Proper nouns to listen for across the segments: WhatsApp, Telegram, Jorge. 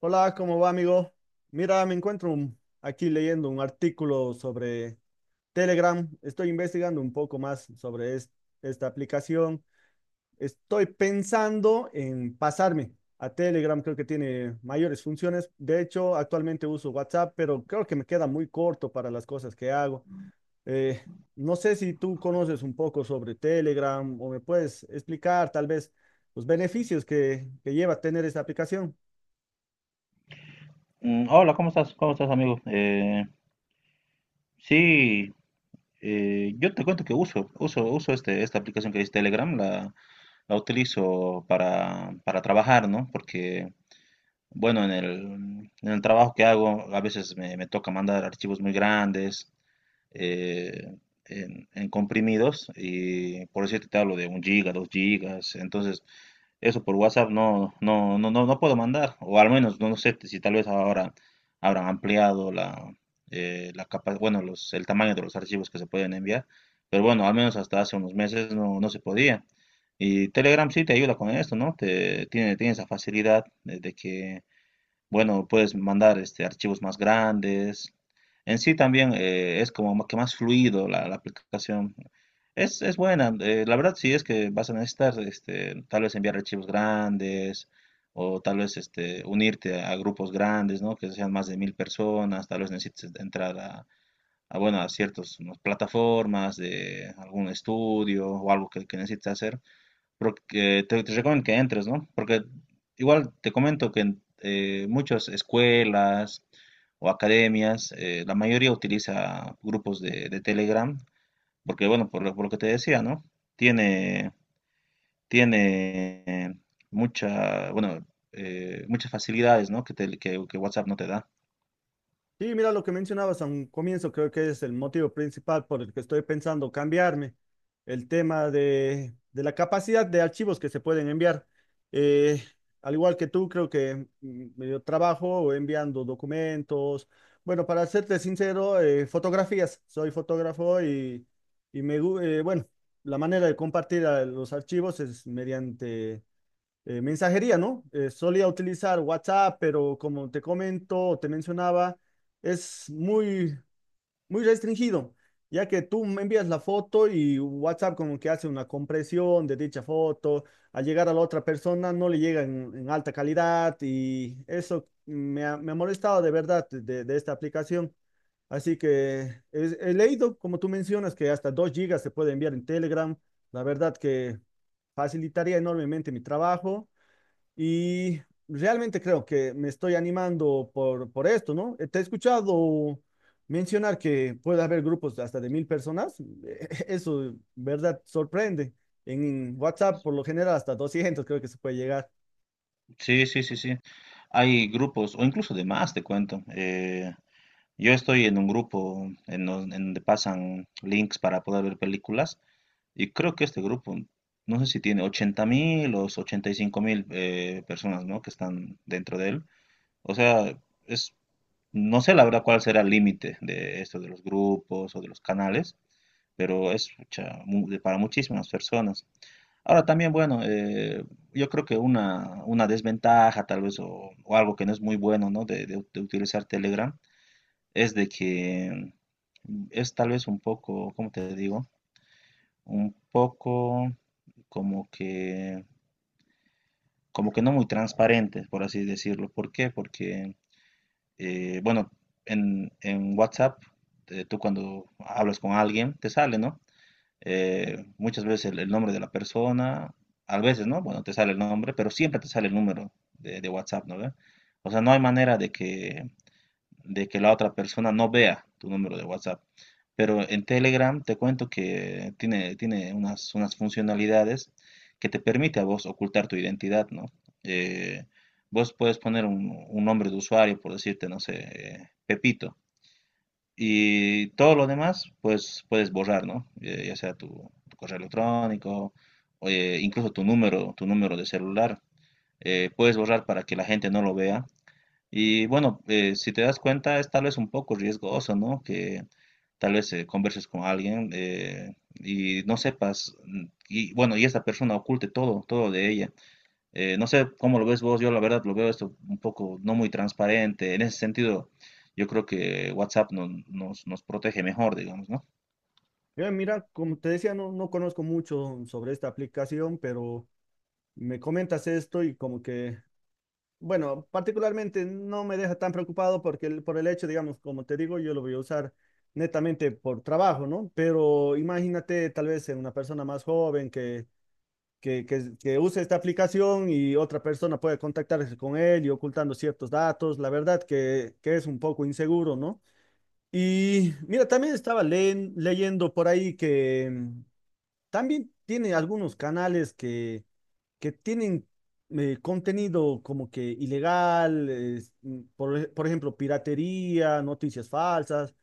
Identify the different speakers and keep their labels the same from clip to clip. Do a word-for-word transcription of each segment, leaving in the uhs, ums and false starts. Speaker 1: Hola, ¿cómo va, amigo? Mira, me encuentro un- aquí leyendo un artículo sobre Telegram. Estoy investigando un poco más sobre es- esta aplicación. Estoy pensando en pasarme a Telegram. Creo que tiene mayores funciones. De hecho, actualmente uso WhatsApp, pero creo que me queda muy corto para las cosas que hago. Eh, no sé si tú conoces un poco sobre Telegram o me puedes explicar tal vez los beneficios que, que lleva tener esta aplicación.
Speaker 2: Mm, Hola, ¿cómo estás? ¿Cómo estás, amigo? Eh, sí, eh, yo te cuento que uso, uso, uso este, esta aplicación que es Telegram, la, la utilizo para, para trabajar, ¿no? Porque, bueno, en el, en el trabajo que hago, a veces me, me toca mandar archivos muy grandes, eh, en, en comprimidos, y por eso te hablo de un giga, dos gigas, entonces eso por WhatsApp no, no, no, no, no puedo mandar, o al menos no sé si tal vez ahora habrán ampliado la, eh, la capa- bueno, los, el tamaño de los archivos que se pueden enviar, pero bueno, al menos hasta hace unos meses no, no se podía. Y Telegram sí te ayuda con esto, ¿no? Te, tiene, tiene esa facilidad de de que bueno, puedes mandar este, archivos más grandes. En sí también eh, es como que más fluido la, la aplicación. Es, es buena. Eh, la verdad sí es que vas a necesitar este, tal vez enviar archivos grandes o tal vez este, unirte a grupos grandes, ¿no? Que sean más de mil personas. Tal vez necesites entrar a, a, bueno, a ciertas, ¿no?, plataformas de algún estudio o algo que, que necesites hacer porque te, te recomiendo que entres, ¿no? Porque igual te comento que en eh, muchas escuelas o academias, eh, la mayoría utiliza grupos de, de Telegram, porque bueno, por lo, por lo que te decía, ¿no? Tiene, tiene, eh, mucha, bueno, eh, muchas facilidades, ¿no? Que, te- que, que WhatsApp no te da.
Speaker 1: Sí, mira lo que mencionabas a un comienzo, creo que es el motivo principal por el que estoy pensando cambiarme, el tema de, de la capacidad de archivos que se pueden enviar. Eh, Al igual que tú, creo que mm, yo trabajo enviando documentos. Bueno, para serte sincero, eh, fotografías. Soy fotógrafo y, y me, gu- eh, bueno, la manera de compartir eh, los archivos es mediante eh, mensajería, ¿no? Eh, solía utilizar WhatsApp, pero como te comento, te mencionaba, es muy, muy restringido, ya que tú me envías la foto y WhatsApp como que hace una compresión de dicha foto, al llegar a la otra persona no le llega en, en alta calidad y eso me ha, me ha molestado de verdad de, de esta aplicación. Así que es- he leído, como tú mencionas, que hasta dos gigas se puede enviar en Telegram. La verdad que facilitaría enormemente mi trabajo y realmente creo que me estoy animando por, por esto, ¿no? Eh, Te he escuchado mencionar que puede haber grupos hasta de mil personas. Eso, verdad, sorprende. En WhatsApp, por lo general, hasta doscientos creo que se puede llegar.
Speaker 2: Sí, sí, sí, sí. Hay grupos, o incluso de más, te cuento. Eh, yo estoy en un grupo en, don- en donde pasan links para poder ver películas. Y creo que este grupo, no sé si tiene ochenta mil o ochenta y cinco mil eh, personas, ¿no?, que están dentro de él. O sea, es, no sé la verdad cuál será el límite de esto de los grupos o de los canales, pero es pucha, mu- de- para muchísimas personas. Ahora también, bueno, eh, yo creo que una, una desventaja tal vez o, o algo que no es muy bueno, ¿no?, de, de- de utilizar Telegram es de que mm, es tal vez un poco, ¿cómo te digo? Un poco como que, como que no muy transparentes, por así decirlo. ¿Por qué? Porque, eh, bueno, en, en WhatsApp, eh, tú cuando hablas con alguien, te sale, ¿no? Eh, muchas veces el, el nombre de la persona, a veces, ¿no?, bueno, te sale el nombre, pero siempre te sale el número de, de WhatsApp, ¿no ve? O sea, no hay manera de que, de que la otra persona no vea tu número de WhatsApp. Pero en Telegram te cuento que tiene, tiene unas, unas funcionalidades que te permite a vos ocultar tu identidad, ¿no? Eh, vos puedes poner un, un nombre de usuario, por decirte, no sé, eh, Pepito. Y todo lo demás, pues puedes borrar, ¿no? Eh, ya sea tu, tu correo electrónico, o, eh, incluso tu número, tu número de celular. Eh, puedes borrar para que la gente no lo vea y bueno, eh, si te das cuenta, es tal vez un poco riesgoso, ¿no?, que tal vez eh, converses con alguien, eh, y no sepas, mm, y bueno, y esta persona oculte todo, todo de ella. Eh, no sé cómo lo ves vos, yo la verdad lo veo esto un poco no muy transparente. En ese sentido, yo creo que WhatsApp no- nos, nos protege mejor, digamos, ¿no?
Speaker 1: Eh, mira, como te decía, no, no conozco mucho sobre esta aplicación, pero me comentas esto y como que bueno, particularmente no me deja tan preocupado porque el- por el hecho, digamos, como te digo, yo lo voy a usar netamente por trabajo, ¿no? Pero imagínate tal vez en una persona más joven que, que, que, que use esta aplicación y otra persona puede contactarse con él y ocultando ciertos datos, la verdad que, que es un poco inseguro, ¿no? Y mira, también estaba leen- leyendo por ahí que mm, también tiene algunos canales que que tienen eh, contenido como que ilegal, es, mm, por, e- por ejemplo, piratería, noticias falsas,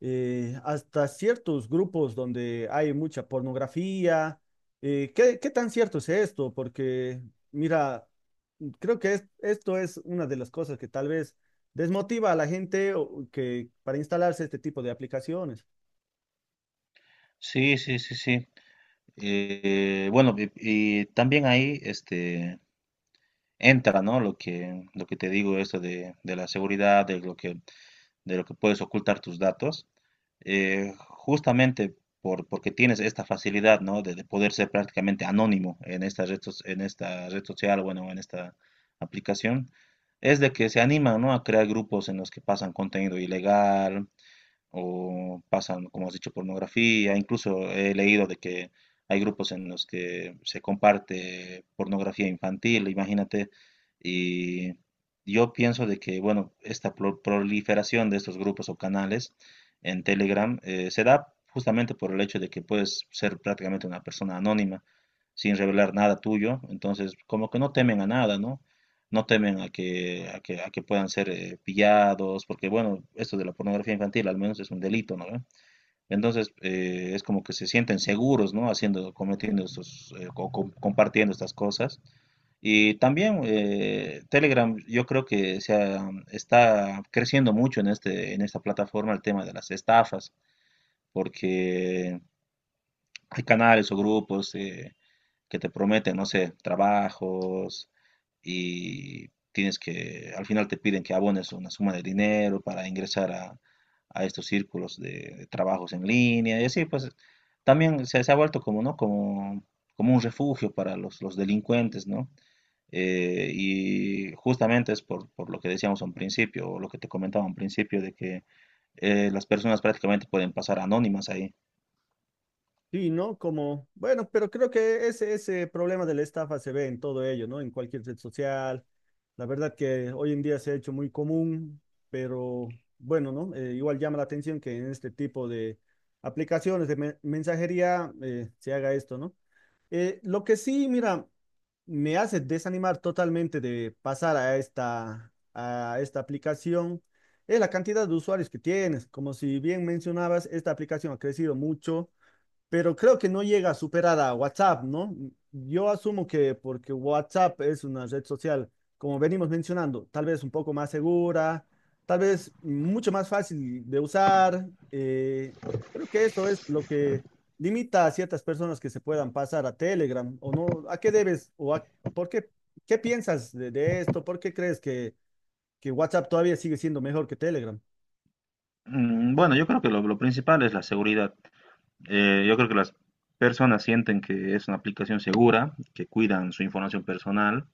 Speaker 1: eh, hasta ciertos grupos donde hay mucha pornografía. Eh, ¿qué, qué tan cierto es esto? Porque, mira, mm, creo que es- esto es una de las cosas que tal vez desmotiva a la gente o- que, para instalarse este tipo de aplicaciones.
Speaker 2: Sí, sí, sí, sí. Eh, bueno, y, y también ahí este, entra, ¿no?, Lo que, lo que te digo, esto de, de la seguridad, de lo que de lo que puedes ocultar tus datos, eh, justamente por, porque tienes esta facilidad, ¿no?, de, de poder ser prácticamente anónimo en esta red, en esta red social, bueno, en esta aplicación, es de que se animan, ¿no?, a crear grupos en los que pasan contenido ilegal, o pasan, como has dicho, pornografía. Incluso he leído de que hay grupos en los que se comparte pornografía infantil, imagínate. Y yo pienso de que, bueno, esta pro- proliferación de estos grupos o canales en Telegram, eh, se da justamente por el hecho de que puedes ser prácticamente una persona anónima sin revelar nada tuyo. Entonces, como que no temen a nada, ¿no? No temen a que, a que, a que puedan ser, eh, pillados, porque bueno, esto de la pornografía infantil al menos es un delito, ¿no ve? Entonces, eh, es como que se sienten seguros, ¿no?, haciendo, cometiendo estos, eh, co- co- compartiendo estas cosas. Y también, eh, Telegram, yo creo que se ha- está creciendo mucho en este, en esta plataforma el tema de las estafas, porque hay canales o grupos, eh, que te prometen, no sé, trabajos, y tienes que, al final te piden que abones una suma de dinero para ingresar a, a estos círculos de, de trabajos en línea y así, pues también se, se ha vuelto como, ¿no?, como, como un refugio para los, los delincuentes, ¿no? Eh, y justamente es por, por lo que decíamos a un principio, o lo que te comentaba a un principio, de que eh, las personas prácticamente pueden pasar anónimas ahí.
Speaker 1: Sí, ¿no? Como, bueno, pero creo que ese, ese problema de la estafa se ve en todo ello, ¿no? En cualquier red social. La verdad que hoy en día se ha hecho muy común, pero bueno, ¿no? Eh, igual llama la atención que en este tipo de aplicaciones de men- mensajería eh, se haga esto, ¿no? Eh, lo que sí, mira, me hace desanimar totalmente de pasar a esta, a esta aplicación es la cantidad de usuarios que tienes. Como si bien mencionabas, esta aplicación ha crecido mucho, pero creo que no llega a superar a WhatsApp, ¿no? Yo asumo que porque WhatsApp es una red social, como venimos mencionando, tal vez un poco más segura, tal vez mucho más fácil de usar. Eh, creo que eso es lo que limita a ciertas personas que se puedan pasar a Telegram o no. ¿A qué debes o a, por qué, qué piensas de, de esto? ¿Por qué crees que que WhatsApp todavía sigue siendo mejor que Telegram?
Speaker 2: Mm, Bueno, yo creo que lo, lo principal es la seguridad. Eh, yo creo que las personas sienten que es una aplicación segura, que cuidan su información personal.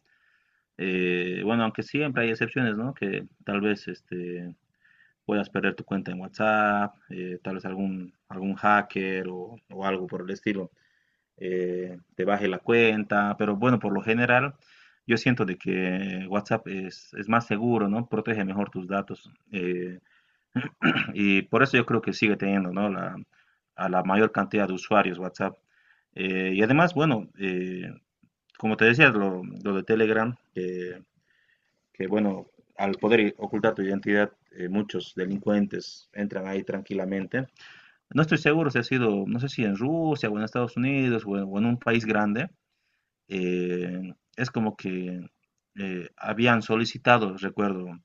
Speaker 2: Eh, bueno, aunque siempre hay excepciones, ¿no?, que tal vez este, puedas perder tu cuenta en WhatsApp, eh, tal vez algún, algún hacker o, o algo por el estilo, eh, te baje la cuenta, pero bueno, por lo general yo siento de que WhatsApp es, es más seguro, ¿no? Protege mejor tus datos. Eh, y por eso yo creo que sigue teniendo, ¿no?, la, a la mayor cantidad de usuarios WhatsApp. Eh, y además, bueno, eh, como te decía, lo, lo de Telegram, eh, que bueno, al poder i- ocultar tu identidad, eh, muchos delincuentes entran ahí tranquilamente. No estoy seguro si ha sido, no sé si en Rusia o en Estados Unidos o en, o en un país grande, eh, es como que eh, habían solicitado, recuerdo,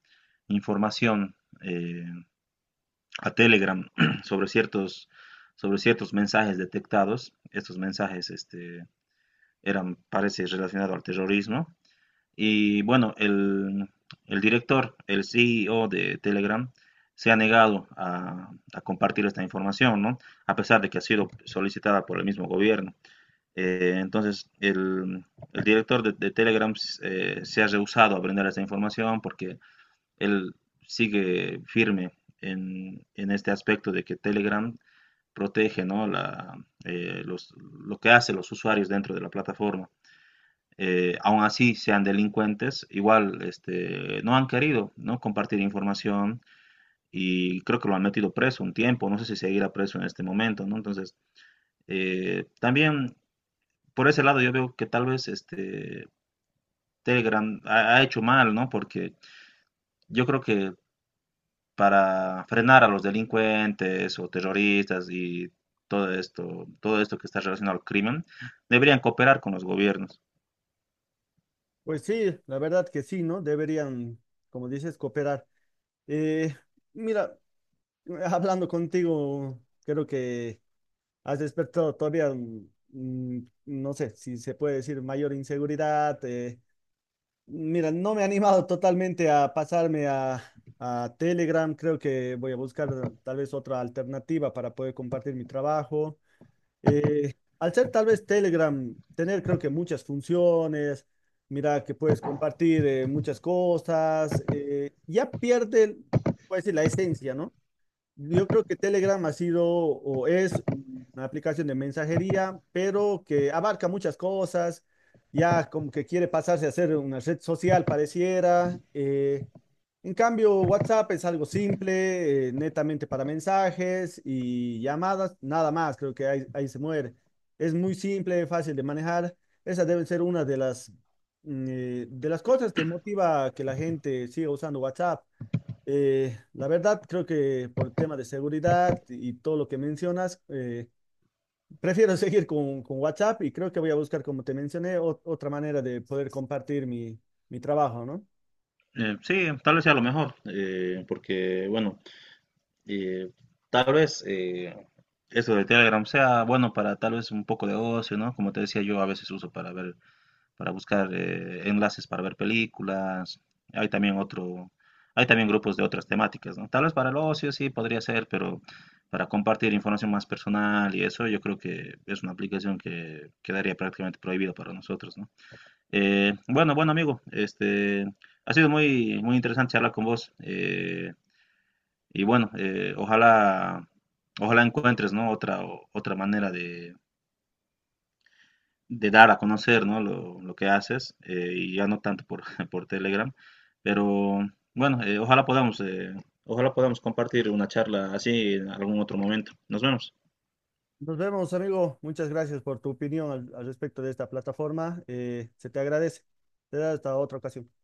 Speaker 2: información. eh, a Telegram sobre ciertos, sobre ciertos mensajes detectados. Estos mensajes, este, eran, parece, relacionados al terrorismo. Y bueno, el, el director, el C E O de Telegram, se ha negado a, a, compartir esta información, ¿no?, a pesar de que ha sido solicitada por el mismo gobierno. Eh, entonces, el, el, director de, de Telegram, eh, se ha rehusado a brindar esta información porque él sigue firme en, en este aspecto de que Telegram protege, ¿no?, la, eh, los- lo que hacen los usuarios dentro de la plataforma. Eh, aun así sean delincuentes, igual este, no han querido, ¿no?, compartir información y creo que lo han metido preso un tiempo, no sé si seguirá preso en este momento, ¿no? Entonces, eh, también por ese lado yo veo que tal vez este, Telegram ha, ha hecho mal, ¿no? Porque yo creo que para frenar a los delincuentes o terroristas y todo esto, todo esto que está relacionado al crimen, deberían cooperar con los gobiernos.
Speaker 1: Pues sí, la verdad que sí, ¿no? Deberían, como dices, cooperar. Eh, Mira, hablando contigo, creo que has despertado todavía, mm, mm, no sé si se puede decir mayor inseguridad. eh, Mira, no me he animado totalmente a pasarme a, a Telegram. Creo que voy a buscar tal vez otra alternativa para poder compartir mi trabajo. Eh, Al ser tal vez Telegram, tener creo que muchas funciones, mira que puedes compartir eh, muchas cosas, eh, ya pierde, puede decir, la esencia, ¿no? Yo creo que Telegram ha sido o es una aplicación de mensajería, pero que abarca muchas cosas. Ya como que quiere pasarse a ser una red social, pareciera. Eh, en cambio, WhatsApp es algo simple, eh, netamente para mensajes y llamadas, nada más. Creo que ahí, ahí se muere. Es muy simple, fácil de manejar. Esa debe ser una de las, mm, eh, de las cosas que motiva a que la gente siga usando WhatsApp. Eh, la verdad, creo que por el tema de seguridad y todo lo que mencionas, eh, prefiero seguir con, con WhatsApp y creo que voy a buscar, como te mencioné, ot- otra manera de poder compartir mi, mi trabajo, ¿no?
Speaker 2: Eh, sí, tal vez sea lo mejor, eh, porque bueno, eh, tal vez eh, eso de Telegram sea bueno para tal vez un poco de ocio, ¿no? Como te decía, yo a veces uso para ver para buscar, eh, enlaces para ver películas. Hay también otro, hay también grupos de otras temáticas, ¿no? Tal vez para el ocio sí podría ser, pero para compartir información más personal y eso, yo creo que es una aplicación que quedaría prácticamente prohibida para nosotros, ¿no? Eh, bueno, bueno, amigo, este, ha sido muy, muy interesante hablar con vos. Eh, y bueno, eh, ojalá, ojalá encuentres, ¿no?, Otra, otra manera de de dar a conocer, ¿no?, lo, lo que haces, eh, y ya no tanto por, por Telegram, pero bueno, eh, ojalá podamos, eh, ojalá podamos compartir una charla así en algún otro momento. Nos vemos.
Speaker 1: Nos vemos, amigo. Muchas gracias por tu opinión al, al respecto de esta plataforma. Eh, se te agradece. Te da hasta otra ocasión.